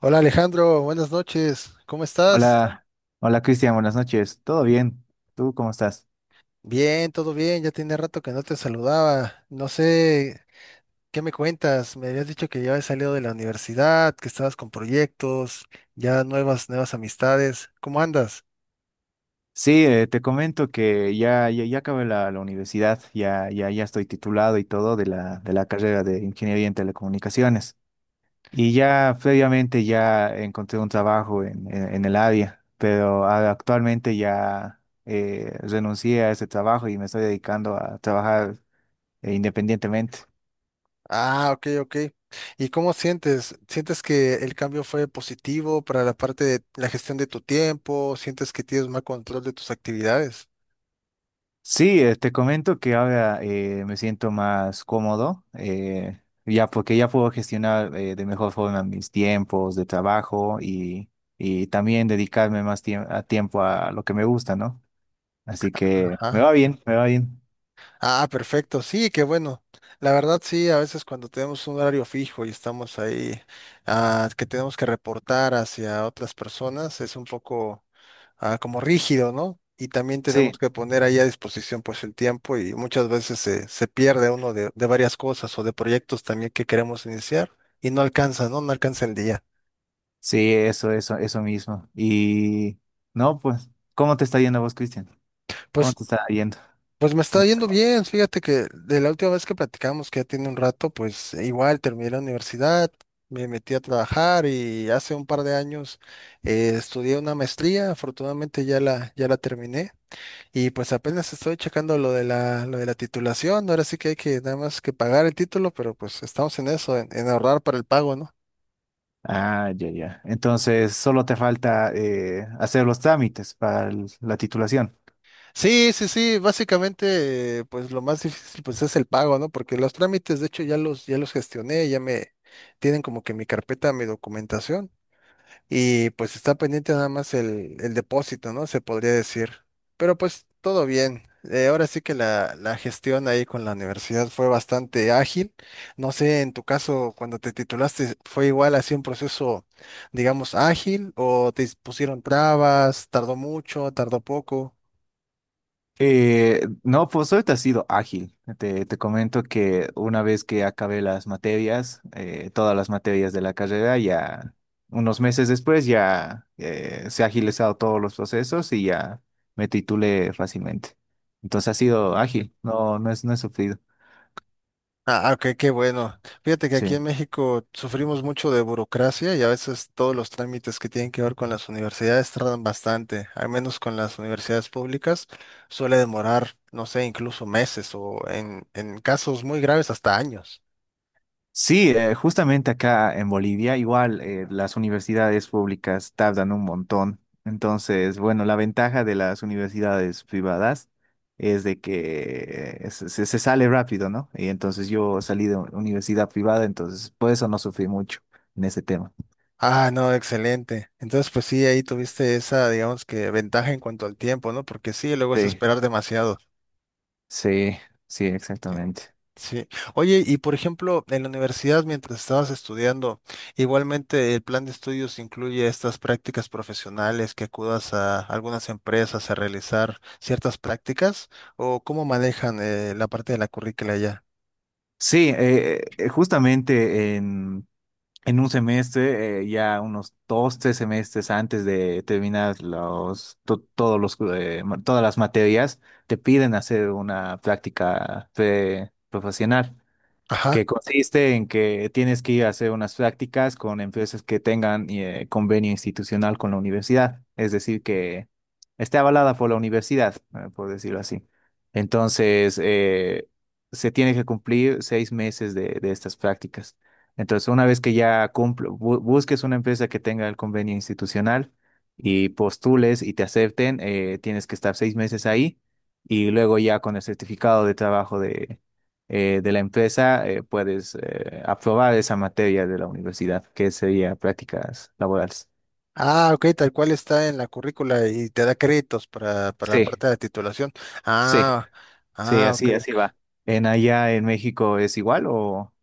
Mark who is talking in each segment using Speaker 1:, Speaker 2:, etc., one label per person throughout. Speaker 1: Hola Alejandro, buenas noches. ¿Cómo estás?
Speaker 2: Hola, hola Cristian, buenas noches. ¿Todo bien? ¿Tú cómo estás?
Speaker 1: Bien, todo bien. Ya tenía rato que no te saludaba. No sé, ¿qué me cuentas? Me habías dicho que ya habías salido de la universidad, que estabas con proyectos, ya nuevas amistades. ¿Cómo andas?
Speaker 2: Sí, te comento que ya acabé la universidad, ya estoy titulado y todo de la carrera de Ingeniería en Telecomunicaciones. Y ya previamente ya encontré un trabajo en el área, pero actualmente ya renuncié a ese trabajo y me estoy dedicando a trabajar independientemente.
Speaker 1: Ah, ok, ok. ¿Y cómo sientes? ¿Sientes que el cambio fue positivo para la parte de la gestión de tu tiempo? ¿Sientes que tienes más control de tus actividades?
Speaker 2: Sí, te comento que ahora me siento más cómodo, ya porque ya puedo gestionar de mejor forma mis tiempos de trabajo y también dedicarme más tiemp- a tiempo a lo que me gusta, ¿no? Así que me va
Speaker 1: Ajá.
Speaker 2: bien, me va bien.
Speaker 1: Ah, perfecto, sí, qué bueno. La verdad, sí, a veces cuando tenemos un horario fijo y estamos ahí, que tenemos que reportar hacia otras personas, es un poco, como rígido, ¿no? Y también tenemos
Speaker 2: Sí,
Speaker 1: que poner ahí a disposición pues el tiempo y muchas veces se pierde uno de varias cosas o de proyectos también que queremos iniciar y no alcanza, ¿no? No alcanza el día.
Speaker 2: sí, eso mismo. Y no, pues, ¿cómo te está yendo a vos, Cristian? ¿Cómo
Speaker 1: Pues
Speaker 2: te está yendo
Speaker 1: Pues me
Speaker 2: en
Speaker 1: está
Speaker 2: el
Speaker 1: yendo
Speaker 2: trabajo?
Speaker 1: bien, fíjate que de la última vez que platicamos, que ya tiene un rato, pues igual terminé la universidad, me metí a trabajar y hace un par de años estudié una maestría, afortunadamente ya la terminé y pues apenas estoy checando lo de la titulación, ahora sí que hay que nada más que pagar el título, pero pues estamos en eso, en ahorrar para el pago, ¿no?
Speaker 2: Ah, ya, ya. Entonces, solo te falta hacer los trámites para la titulación.
Speaker 1: Sí, sí, sí, básicamente, pues lo más difícil pues es el pago, ¿no? Porque los trámites, de hecho, ya los gestioné, ya me tienen como que mi carpeta, mi documentación, y pues está pendiente nada más el depósito, ¿no? Se podría decir. Pero pues todo bien. Ahora sí que la gestión ahí con la universidad fue bastante ágil. No sé, en tu caso, cuando te titulaste, ¿fue igual así un proceso, digamos, ágil o te pusieron trabas, tardó mucho, tardó poco?
Speaker 2: No, pues ahorita ha sido ágil. Te comento que una vez que acabé las materias, todas las materias de la carrera, ya unos meses después ya se ha agilizado todos los procesos y ya me titulé fácilmente. Entonces ha sido ágil, no, no es, no he sufrido.
Speaker 1: Ah, ah, ok, qué bueno. Fíjate que aquí en
Speaker 2: Sí.
Speaker 1: México sufrimos mucho de burocracia y a veces todos los trámites que tienen que ver con las universidades tardan bastante, al menos con las universidades públicas suele demorar, no sé, incluso meses o en casos muy graves hasta años.
Speaker 2: Sí, justamente acá en Bolivia, igual las universidades públicas tardan un montón. Entonces, bueno, la ventaja de las universidades privadas es de que se sale rápido, ¿no? Y entonces yo salí de universidad privada, entonces por eso no sufrí mucho en ese tema.
Speaker 1: Ah, no, excelente. Entonces, pues sí, ahí tuviste esa, digamos que ventaja en cuanto al tiempo, ¿no? Porque sí, luego es
Speaker 2: Sí,
Speaker 1: esperar demasiado.
Speaker 2: sí, sí, exactamente.
Speaker 1: Sí. Oye, y por ejemplo, en la universidad, mientras estabas estudiando, igualmente el plan de estudios incluye estas prácticas profesionales que acudas a algunas empresas a realizar ciertas prácticas, o cómo manejan la parte de la currícula ya.
Speaker 2: Sí, justamente en un semestre, ya unos dos, tres semestres antes de terminar todos los, todas las materias, te piden hacer una práctica profesional
Speaker 1: Ajá.
Speaker 2: que consiste en que tienes que ir a hacer unas prácticas con empresas que tengan convenio institucional con la universidad, es decir, que esté avalada por la universidad, por decirlo así. Entonces, se tiene que cumplir 6 meses de estas prácticas. Entonces, una vez que ya busques una empresa que tenga el convenio institucional y postules y te acepten, tienes que estar 6 meses ahí y luego ya con el certificado de trabajo de la empresa, puedes aprobar esa materia de la universidad, que sería prácticas laborales.
Speaker 1: Ah, ok, tal cual está en la currícula y te da créditos para la parte
Speaker 2: Sí,
Speaker 1: de la titulación.
Speaker 2: sí,
Speaker 1: Ah,
Speaker 2: sí,
Speaker 1: ah, ok.
Speaker 2: así, así va. ¿En allá en México es igual o...?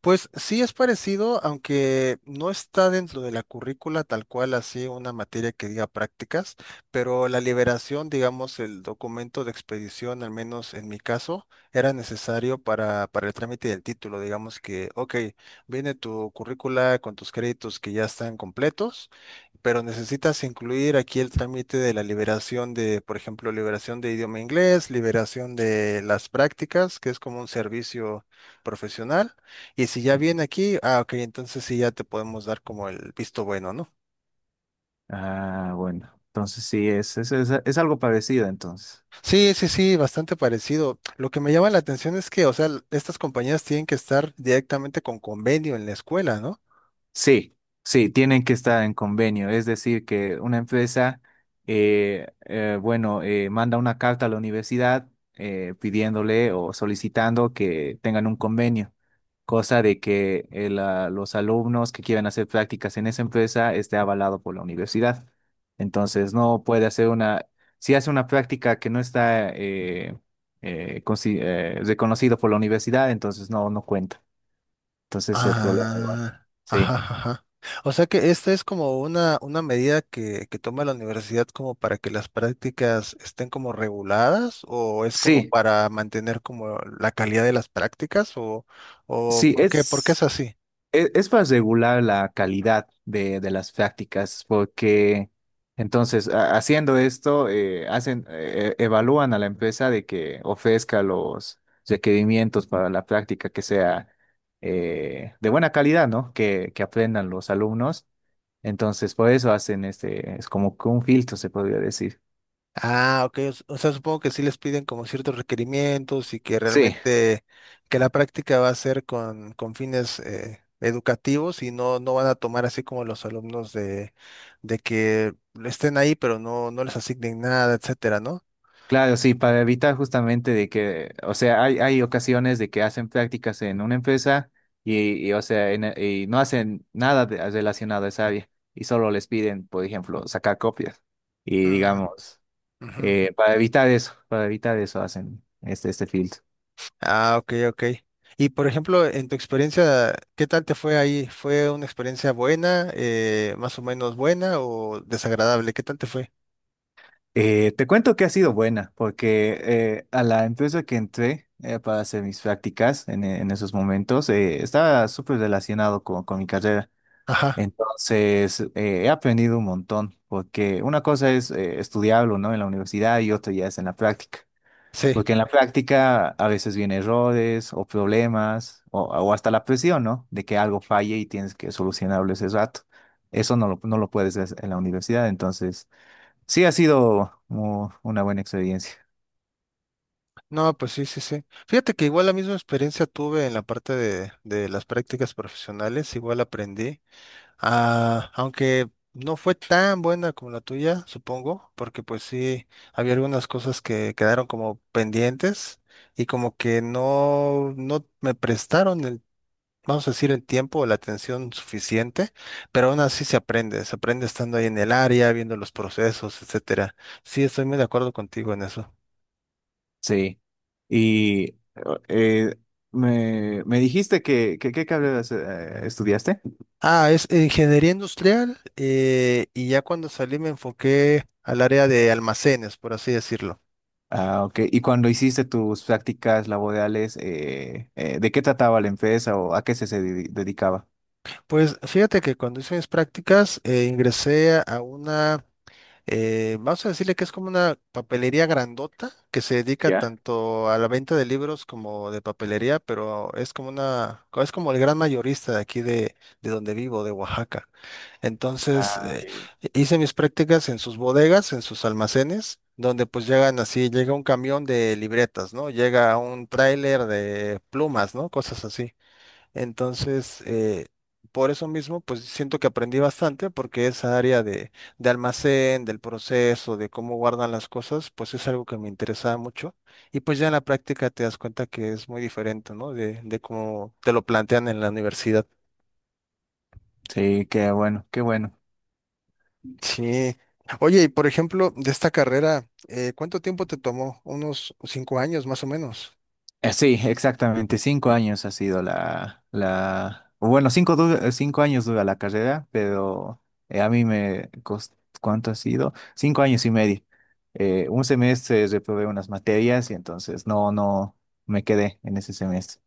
Speaker 1: Pues sí es parecido, aunque no está dentro de la currícula tal cual así una materia que diga prácticas, pero la liberación, digamos, el documento de expedición, al menos en mi caso, era necesario para el trámite del título. Digamos que, ok, viene tu currícula con tus créditos que ya están completos, pero necesitas incluir aquí el trámite de la liberación de, por ejemplo, liberación de idioma inglés, liberación de las prácticas, que es como un servicio profesional y si ya viene aquí, ah, ok, entonces sí ya te podemos dar como el visto bueno, ¿no?
Speaker 2: Ah, bueno, entonces sí, es algo parecido entonces.
Speaker 1: Sí, sí, sí, bastante parecido. Lo que me llama la atención es que, o sea, estas compañías tienen que estar directamente con convenio en la escuela, ¿no?
Speaker 2: Sí, sí, tienen que estar en convenio. Es decir, que una empresa, bueno, manda una carta a la universidad pidiéndole o solicitando que tengan un convenio, cosa de que los alumnos que quieran hacer prácticas en esa empresa esté avalado por la universidad. Entonces, no puede hacer una, si hace una práctica que no está reconocido por la universidad, entonces no, no cuenta. Entonces, el problema igual.
Speaker 1: Ah, ajá,
Speaker 2: Sí.
Speaker 1: ajá. O sea que esta es como una medida que toma la universidad como para que las prácticas estén como reguladas o es como
Speaker 2: Sí,
Speaker 1: para mantener como la calidad de las prácticas o
Speaker 2: sí,
Speaker 1: ¿por qué? ¿Por qué es así?
Speaker 2: es, para regular la calidad de las prácticas, porque entonces haciendo esto, hacen, evalúan a la empresa de que ofrezca los requerimientos para la práctica que sea de buena calidad, ¿no? Que aprendan los alumnos. Entonces, por eso hacen este, es como que un filtro, se podría decir.
Speaker 1: Ah, ok. O, o sea, supongo que sí les piden como ciertos requerimientos y que
Speaker 2: Sí,
Speaker 1: realmente que la práctica va a ser con fines educativos y no, no van a tomar así como los alumnos de que estén ahí pero no, no les asignen nada, etcétera, ¿no?
Speaker 2: claro, sí, para evitar justamente de que, o sea, hay ocasiones de que hacen prácticas en una empresa y, o sea, y no hacen nada relacionado a esa área y solo les piden, por ejemplo, sacar copias. Y
Speaker 1: Mm,
Speaker 2: digamos,
Speaker 1: ujú.
Speaker 2: para evitar eso hacen este, este filtro.
Speaker 1: Ah, ok, ok. Y por ejemplo, en tu experiencia, ¿qué tal te fue ahí? ¿Fue una experiencia buena, más o menos buena o desagradable? ¿Qué tal te fue?
Speaker 2: Te cuento que ha sido buena, porque a la empresa que entré para hacer mis prácticas en esos momentos estaba súper relacionado con mi carrera.
Speaker 1: Ajá,
Speaker 2: Entonces, he aprendido un montón, porque una cosa es estudiarlo, ¿no? En la universidad y otra ya es en la práctica.
Speaker 1: sí.
Speaker 2: Porque en la práctica a veces vienen errores o problemas o hasta la presión, ¿no? De que algo falle y tienes que solucionarlo ese rato. Eso no lo, no lo puedes hacer en la universidad. Entonces, sí ha sido una buena experiencia.
Speaker 1: No, pues sí, sí, sí. Fíjate que igual la misma experiencia tuve en la parte de las prácticas profesionales, igual aprendí, aunque no fue tan buena como la tuya, supongo, porque pues sí, había algunas cosas que quedaron como pendientes y como que no, no me prestaron vamos a decir, el tiempo o la atención suficiente, pero aún así se aprende estando ahí en el área, viendo los procesos, etcétera. Sí, estoy muy de acuerdo contigo en eso.
Speaker 2: Sí. Y eh, me dijiste que, ¿qué carreras estudiaste?
Speaker 1: Ah, es ingeniería industrial y ya cuando salí me enfoqué al área de almacenes, por así decirlo.
Speaker 2: Ah, ok. Y cuando hiciste tus prácticas laborales, ¿de qué trataba la empresa o a qué se, dedicaba?
Speaker 1: Pues fíjate que cuando hice mis prácticas ingresé a una... vamos a decirle que es como una papelería grandota que se dedica
Speaker 2: ¿Ya?
Speaker 1: tanto a la venta de libros como de papelería, pero es como una, es como el gran mayorista de aquí de donde vivo, de Oaxaca. Entonces,
Speaker 2: Ah, ya, ya.
Speaker 1: hice mis prácticas en sus bodegas, en sus almacenes, donde pues llegan así, llega un camión de libretas, ¿no? Llega un tráiler de plumas, ¿no? Cosas así. Entonces, por eso mismo, pues siento que aprendí bastante porque esa área de almacén, del proceso, de cómo guardan las cosas, pues es algo que me interesaba mucho. Y pues ya en la práctica te das cuenta que es muy diferente, ¿no? De cómo te lo plantean en la universidad.
Speaker 2: Sí, qué bueno, qué bueno.
Speaker 1: Sí. Oye, y por ejemplo, de esta carrera, ¿cuánto tiempo te tomó? Unos 5 años más o menos.
Speaker 2: Sí, exactamente. Cinco años ha sido la... cinco años dura la carrera, pero a mí me costó... ¿Cuánto ha sido? 5 años y medio. Un semestre reprobé unas materias y entonces no, no me quedé en ese semestre.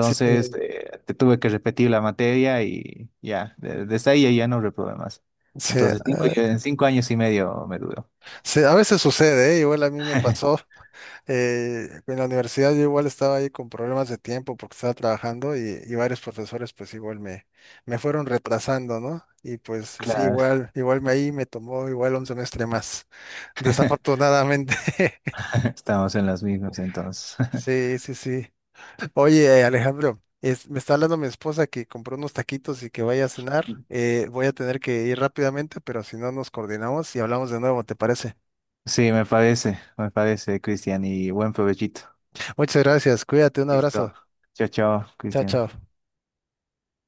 Speaker 1: Sí,
Speaker 2: te tuve que repetir la materia y ya, desde ahí ya no reprobé más.
Speaker 1: sí,
Speaker 2: Entonces en 5 años y medio me duró.
Speaker 1: sí, a veces sucede, ¿eh? Igual a mí me pasó. En la universidad yo igual estaba ahí con problemas de tiempo porque estaba trabajando y varios profesores pues igual me, me fueron retrasando, ¿no? Y pues sí,
Speaker 2: Claro,
Speaker 1: igual, igual me ahí me tomó igual un semestre más, desafortunadamente.
Speaker 2: estamos en las mismas entonces.
Speaker 1: Sí, sí, sí. Oye, Alejandro, me está hablando mi esposa que compró unos taquitos y que vaya a cenar. Voy a tener que ir rápidamente, pero si no nos coordinamos y hablamos de nuevo, ¿te parece?
Speaker 2: Sí, me parece, Cristian, y buen provechito.
Speaker 1: Muchas gracias, cuídate, un
Speaker 2: Listo.
Speaker 1: abrazo.
Speaker 2: Chao, chao,
Speaker 1: Chao,
Speaker 2: Cristian.
Speaker 1: chao.